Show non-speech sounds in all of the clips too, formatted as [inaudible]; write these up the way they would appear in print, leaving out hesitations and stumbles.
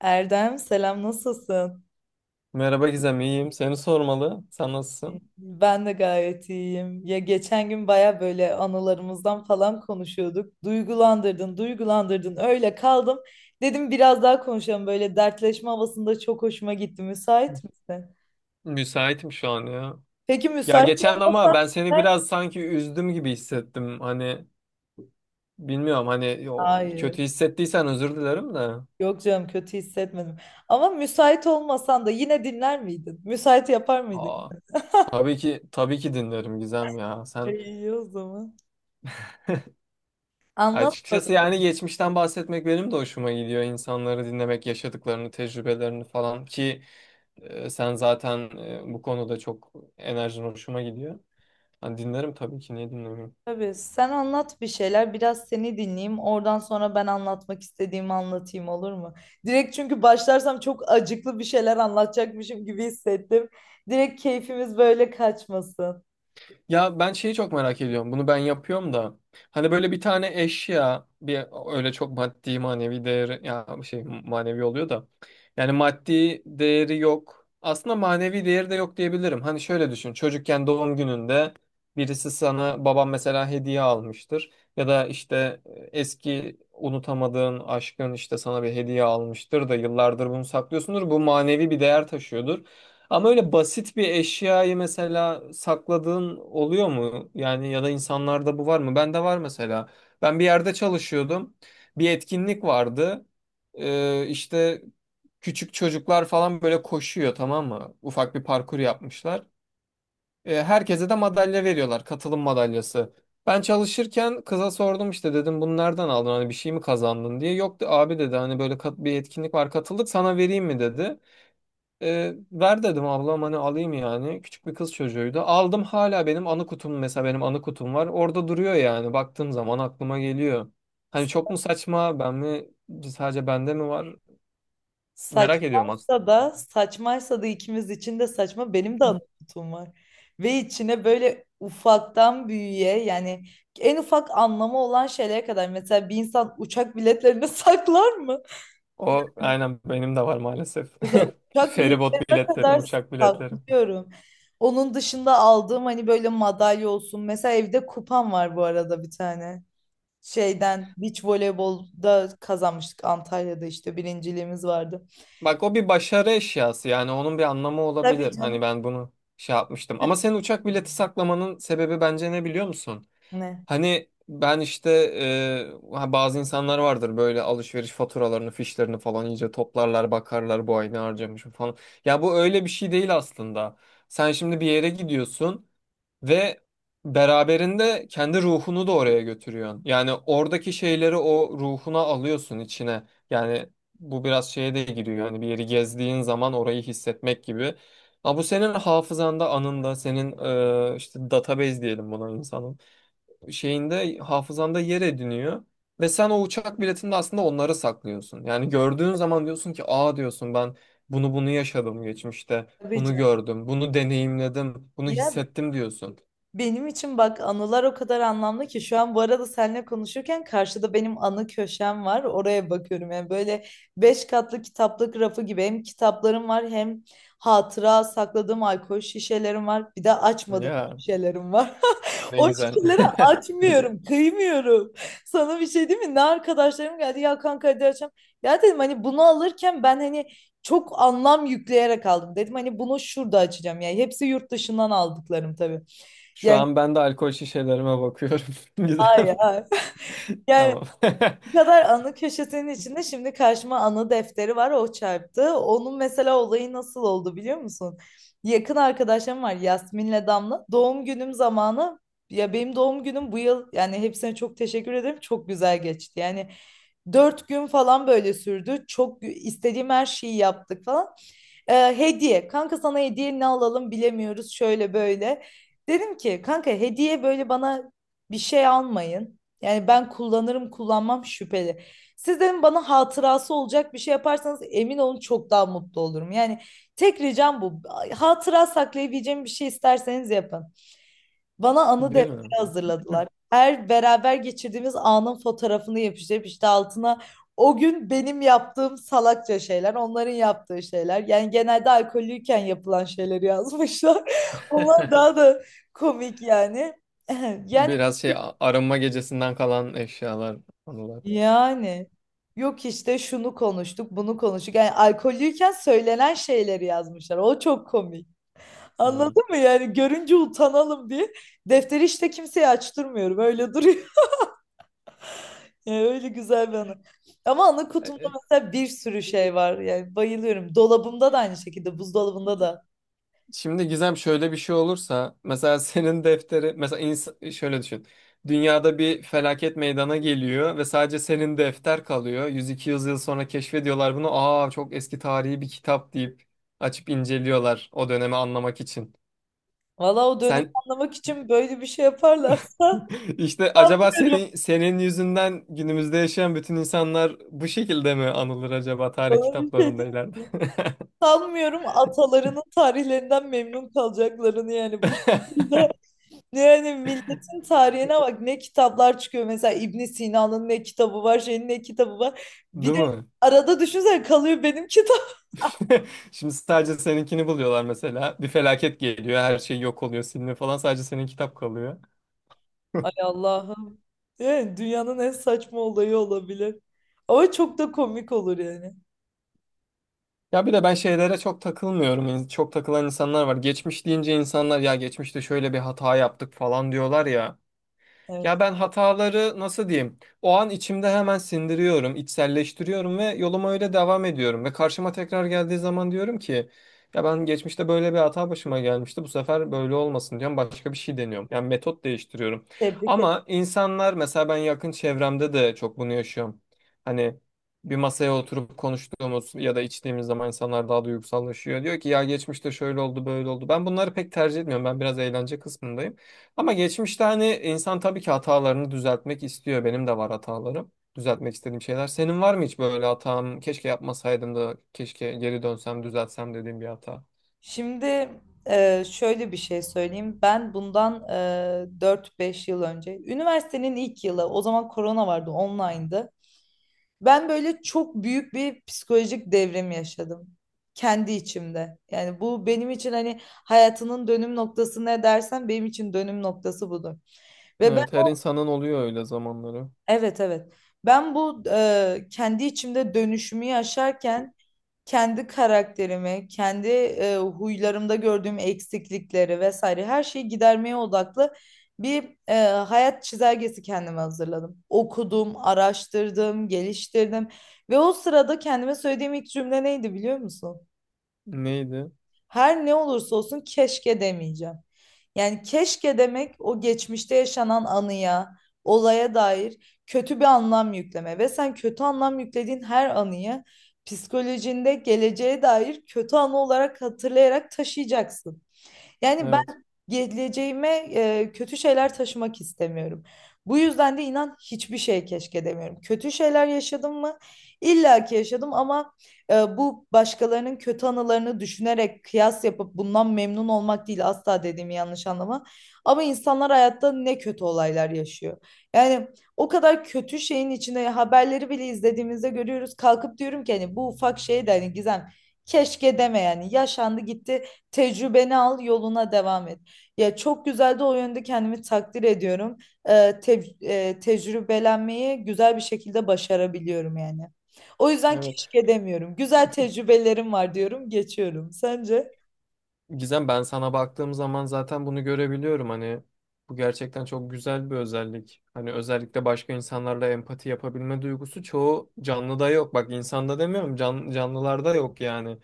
Erdem selam nasılsın? Merhaba Gizem, iyiyim. Seni sormalı. Sen nasılsın? Ben de gayet iyiyim. Ya geçen gün baya böyle anılarımızdan falan konuşuyorduk. Duygulandırdın, duygulandırdın. Öyle kaldım. Dedim biraz daha konuşalım. Böyle dertleşme havasında çok hoşuma gitti. Müsait misin? Müsaitim şu an ya. Peki Ya müsait geçen ama olmasan ben seni dinler miydin? biraz sanki üzdüm gibi hissettim. Hani bilmiyorum hani yo, Hayır. kötü hissettiysen özür dilerim de. Yok canım, kötü hissetmedim. Ama müsait olmasan da yine dinler miydin? Müsait yapar mıydın? Aa, tabii ki tabii ki dinlerim Gizem ya. [laughs] Sen İyi o zaman. Anlat açıkçası bakalım. yani geçmişten bahsetmek benim de hoşuma gidiyor. İnsanları dinlemek, yaşadıklarını, tecrübelerini falan ki sen zaten bu konuda çok enerjin hoşuma gidiyor. Hani dinlerim tabii ki niye dinlemiyorum? Tabii, sen anlat bir şeyler, biraz seni dinleyeyim, oradan sonra ben anlatmak istediğimi anlatayım, olur mu? Direkt çünkü başlarsam çok acıklı bir şeyler anlatacakmışım gibi hissettim. Direkt keyfimiz böyle kaçmasın. Ya ben şeyi çok merak ediyorum. Bunu ben yapıyorum da. Hani böyle bir tane eşya bir öyle çok maddi manevi değeri ya şey manevi oluyor da. Yani maddi değeri yok. Aslında manevi değeri de yok diyebilirim. Hani şöyle düşün. Çocukken doğum gününde birisi sana babam mesela hediye almıştır. Ya da işte eski unutamadığın aşkın işte sana bir hediye almıştır da yıllardır bunu saklıyorsundur. Bu manevi bir değer taşıyordur. Ama öyle basit bir eşyayı mesela sakladığın oluyor mu? Yani ya da insanlarda bu var mı? Bende var mesela. Ben bir yerde çalışıyordum. Bir etkinlik vardı. İşte küçük çocuklar falan böyle koşuyor, tamam mı? Ufak bir parkur yapmışlar. Herkese de madalya veriyorlar. Katılım madalyası. Ben çalışırken kıza sordum, işte dedim bunu nereden aldın? Hani bir şey mi kazandın diye. Yok, abi dedi hani böyle bir etkinlik var, katıldık, sana vereyim mi dedi. Ver dedim ablam, hani alayım yani. Küçük bir kız çocuğuydu. Aldım, hala benim anı kutum, mesela benim anı kutum var. Orada duruyor yani. Baktığım zaman aklıma geliyor. Hani S- çok mu saçma, ben mi sadece, bende mi var? Merak ediyorum aslında. Saçmaysa da saçmaysa da ikimiz için de saçma, benim de anlatım var. Ve içine böyle ufaktan büyüğe, yani en ufak anlamı olan şeylere kadar, mesela bir insan uçak biletlerini [laughs] saklar mı? O aynen benim de var maalesef. Mesela [laughs] uçak Feribot biletlerine biletlerim, kadar uçak biletlerim. saklıyorum. Onun dışında aldığım hani böyle madalya olsun. Mesela evde kupam var bu arada, bir tane. Şeyden beach voleybolda kazanmıştık Antalya'da, işte birinciliğimiz vardı. Bak o bir başarı eşyası, yani onun bir anlamı Tabii olabilir. canım. Hani ben bunu şey yapmıştım. Ama senin uçak bileti saklamanın sebebi bence ne biliyor musun? Ne? Hani ben işte bazı insanlar vardır böyle alışveriş faturalarını, fişlerini falan iyice toplarlar, bakarlar bu ay ne harcamışım falan. Ya bu öyle bir şey değil aslında. Sen şimdi bir yere gidiyorsun ve beraberinde kendi ruhunu da oraya götürüyorsun. Yani oradaki şeyleri o ruhuna alıyorsun içine. Yani bu biraz şeye de giriyor. Yani bir yeri gezdiğin zaman orayı hissetmek gibi. Ama bu senin hafızanda, anında, senin işte database diyelim buna, insanın şeyinde, hafızanda yer ediniyor. Ve sen o uçak biletinde aslında onları saklıyorsun. Yani gördüğün zaman diyorsun ki aa diyorsun, ben bunu yaşadım geçmişte. Tabii Bunu canım. gördüm, bunu deneyimledim, bunu Ya hissettim diyorsun. benim için bak anılar o kadar anlamlı ki, şu an bu arada seninle konuşurken karşıda benim anı köşem var. Oraya bakıyorum, yani böyle beş katlı kitaplık rafı gibi, hem kitaplarım var, hem hatıra sakladığım alkol şişelerim var. Bir de açmadığım Ya şişelerim var. [laughs] ne O güzel. şişeleri açmıyorum, kıymıyorum. Sana bir şey değil mi? Ne arkadaşlarım geldi ya, kanka hadi açalım. Ya dedim hani bunu alırken ben hani çok anlam yükleyerek aldım. Dedim hani bunu şurada açacağım, yani hepsi yurt dışından aldıklarım tabii. [laughs] Şu Yani, an ben de alkol şişelerime bakıyorum. [laughs] Güzel. hayır, hayır. Yani Tamam. bu kadar anı köşesinin içinde şimdi karşıma anı defteri var, o çarptı. Onun mesela olayı nasıl oldu biliyor musun? Yakın arkadaşlarım var, Yasmin'le Damla. Doğum günüm zamanı, ya benim doğum günüm bu yıl, yani hepsine çok teşekkür ederim. Çok güzel geçti. Yani 4 gün falan böyle sürdü. Çok gü- istediğim her şeyi yaptık falan. Hediye. Kanka sana hediye ne alalım bilemiyoruz, şöyle böyle. Dedim ki kanka hediye böyle bana bir şey almayın. Yani ben kullanırım kullanmam şüpheli. Siz dedim bana hatırası olacak bir şey yaparsanız emin olun çok daha mutlu olurum. Yani tek ricam bu. Hatıra saklayabileceğim bir şey isterseniz yapın. Bana [laughs] anı Değil mi? defteri hazırladılar. Her beraber geçirdiğimiz anın fotoğrafını yapıştırıp işte altına o gün benim yaptığım salakça şeyler, onların yaptığı şeyler. Yani genelde alkollüyken yapılan şeyleri yazmışlar. [laughs] Onlar daha [laughs] da komik yani. [clears throat] [laughs] Yani Biraz şey, arınma gecesinden kalan eşyalar, anılar. Yani yok işte şunu konuştuk, bunu konuştuk. Yani alkollüyken söylenen şeyleri yazmışlar. O çok komik. Hmm. Anladın mı? Yani görünce utanalım diye defteri işte kimseye açtırmıyorum. Öyle duruyor. [laughs] Yani öyle güzel bir anı. Ama anı kutumda mesela bir sürü şey var. Yani bayılıyorum. Dolabımda da aynı şekilde, buzdolabında da. Şimdi Gizem şöyle bir şey olursa mesela [laughs] senin defteri mesela şöyle düşün. Dünyada bir felaket meydana geliyor ve sadece senin defter kalıyor. 100-200 yıl sonra keşfediyorlar bunu. Aa çok eski tarihi bir kitap deyip açıp inceliyorlar o dönemi anlamak için. Valla o dönemi Sen anlamak için böyle bir şey yaparlarsa [laughs] işte [laughs] acaba sanmıyorum. senin yüzünden günümüzde yaşayan bütün insanlar bu şekilde mi anılır acaba tarih Sana bir şey kitaplarında diyeyim, ileride? mi? Sanmıyorum atalarının tarihlerinden memnun kalacaklarını, yani bu [laughs] şekilde. [laughs] Yani milletin tarihine bak, ne kitaplar çıkıyor, mesela İbn Sina'nın ne kitabı var, şeyin ne kitabı var. Bir Değil de mi? arada düşünsene kalıyor benim kitap. [laughs] Şimdi sadece seninkini buluyorlar mesela. Bir felaket geliyor, her şey yok oluyor, siliniyor falan. Sadece senin kitap kalıyor. [laughs] Ay Allah'ım. Yani dünyanın en saçma olayı olabilir. Ama çok da komik olur yani. Ya bir de ben şeylere çok takılmıyorum. Çok takılan insanlar var. Geçmiş deyince insanlar ya geçmişte şöyle bir hata yaptık falan diyorlar ya. Evet. Ya ben hataları nasıl diyeyim? O an içimde hemen sindiriyorum, içselleştiriyorum ve yoluma öyle devam ediyorum. Ve karşıma tekrar geldiği zaman diyorum ki ya ben geçmişte böyle bir hata başıma gelmişti. Bu sefer böyle olmasın diyorum. Başka bir şey deniyorum. Yani metot değiştiriyorum. Tebrik Ama insanlar mesela, ben yakın çevremde de çok bunu yaşıyorum. Hani bir masaya oturup konuştuğumuz ya da içtiğimiz zaman insanlar daha duygusallaşıyor. Diyor ki ya geçmişte şöyle oldu, böyle oldu. Ben bunları pek tercih etmiyorum. Ben biraz eğlence kısmındayım. Ama geçmişte hani insan tabii ki hatalarını düzeltmek istiyor. Benim de var hatalarım. Düzeltmek istediğim şeyler. Senin var mı hiç böyle hatam? Keşke yapmasaydım da keşke geri dönsem düzeltsem dediğim bir hata. Şimdi şöyle bir şey söyleyeyim. Ben bundan 4-5 yıl önce, üniversitenin ilk yılı, o zaman korona vardı, online'dı. Ben böyle çok büyük bir psikolojik devrim yaşadım. Kendi içimde. Yani bu benim için hani hayatının dönüm noktası ne dersen benim için dönüm noktası budur. Ve ben, Evet, her insanın oluyor öyle zamanları. evet, evet. Ben bu kendi içimde dönüşümü yaşarken kendi karakterimi, kendi huylarımda gördüğüm eksiklikleri vesaire her şeyi gidermeye odaklı bir hayat çizelgesi kendime hazırladım. Okudum, araştırdım, geliştirdim ve o sırada kendime söylediğim ilk cümle neydi biliyor musun? Neydi? Her ne olursa olsun keşke demeyeceğim. Yani keşke demek o geçmişte yaşanan anıya, olaya dair kötü bir anlam yükleme ve sen kötü anlam yüklediğin her anıyı psikolojinde geleceğe dair kötü anı olarak hatırlayarak taşıyacaksın. Yani Evet. ben geleceğime kötü şeyler taşımak istemiyorum. Bu yüzden de inan hiçbir şey keşke demiyorum. Kötü şeyler yaşadım mı? İlla ki yaşadım ama bu başkalarının kötü anılarını düşünerek kıyas yapıp bundan memnun olmak değil asla, dediğimi yanlış anlama. Ama insanlar hayatta ne kötü olaylar yaşıyor. Yani o kadar kötü şeyin içine haberleri bile izlediğimizde görüyoruz. Kalkıp diyorum ki hani bu ufak şey de hani Gizem, keşke deme, yani yaşandı gitti. Tecrübeni al, yoluna devam et. Ya çok güzel de, o yönde kendimi takdir ediyorum. Tecrübelenmeyi güzel bir şekilde başarabiliyorum yani. O yüzden Evet. keşke demiyorum. Güzel tecrübelerim var diyorum, geçiyorum. Sence? Gizem ben sana baktığım zaman zaten bunu görebiliyorum, hani bu gerçekten çok güzel bir özellik. Hani özellikle başka insanlarla empati yapabilme duygusu çoğu canlıda yok. Bak insanda demiyorum, can, canlılarda yok yani.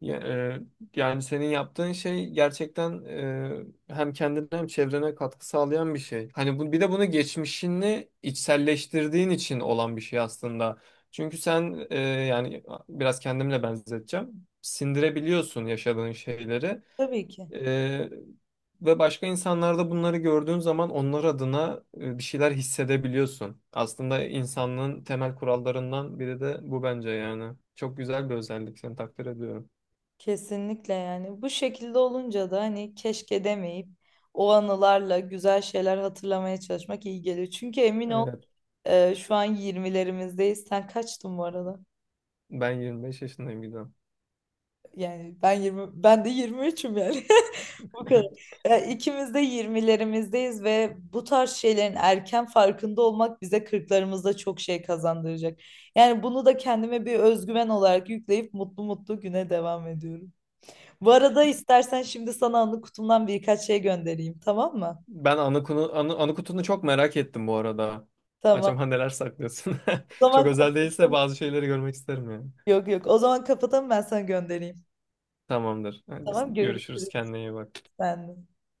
Ya- e, yani senin yaptığın şey gerçekten, hem kendine hem çevrene katkı sağlayan bir şey. Hani bu, bir de bunu geçmişini içselleştirdiğin için olan bir şey aslında. Çünkü sen, yani biraz kendimle benzeteceğim. Sindirebiliyorsun yaşadığın şeyleri. Tabii ki. Ee, ve başka insanlarda bunları gördüğün zaman onlar adına bir şeyler hissedebiliyorsun. Aslında insanlığın temel kurallarından biri de bu bence yani. Çok güzel bir özellik. Seni takdir ediyorum. Kesinlikle yani. Bu şekilde olunca da hani keşke demeyip o anılarla güzel şeyler hatırlamaya çalışmak iyi geliyor. Çünkü emin ol Evet. Şu an 20'lerimizdeyiz. Sen kaçtın bu arada? Ben 25 yaşındayım Gizem. Yani ben 20, ben de 23'üm yani. [laughs] Bu [laughs] kadar. Yani ikimiz de 20'lerimizdeyiz ve bu tarz şeylerin erken farkında olmak bize 40'larımızda çok şey kazandıracak. Yani bunu da kendime bir özgüven olarak yükleyip mutlu mutlu güne devam ediyorum. Bu arada istersen şimdi sana anı kutumdan birkaç şey göndereyim, tamam mı? Ben anı kutunu çok merak ettim bu arada. Tamam. Acaba neler saklıyorsun? O [laughs] Çok zaman özel değilse kapatalım. bazı şeyleri görmek isterim yani. Yok yok. O zaman kapatalım, ben sana göndereyim. Tamamdır. Hadi Tamam, görüşürüz. görüşürüz. Kendine iyi bak. Sen de.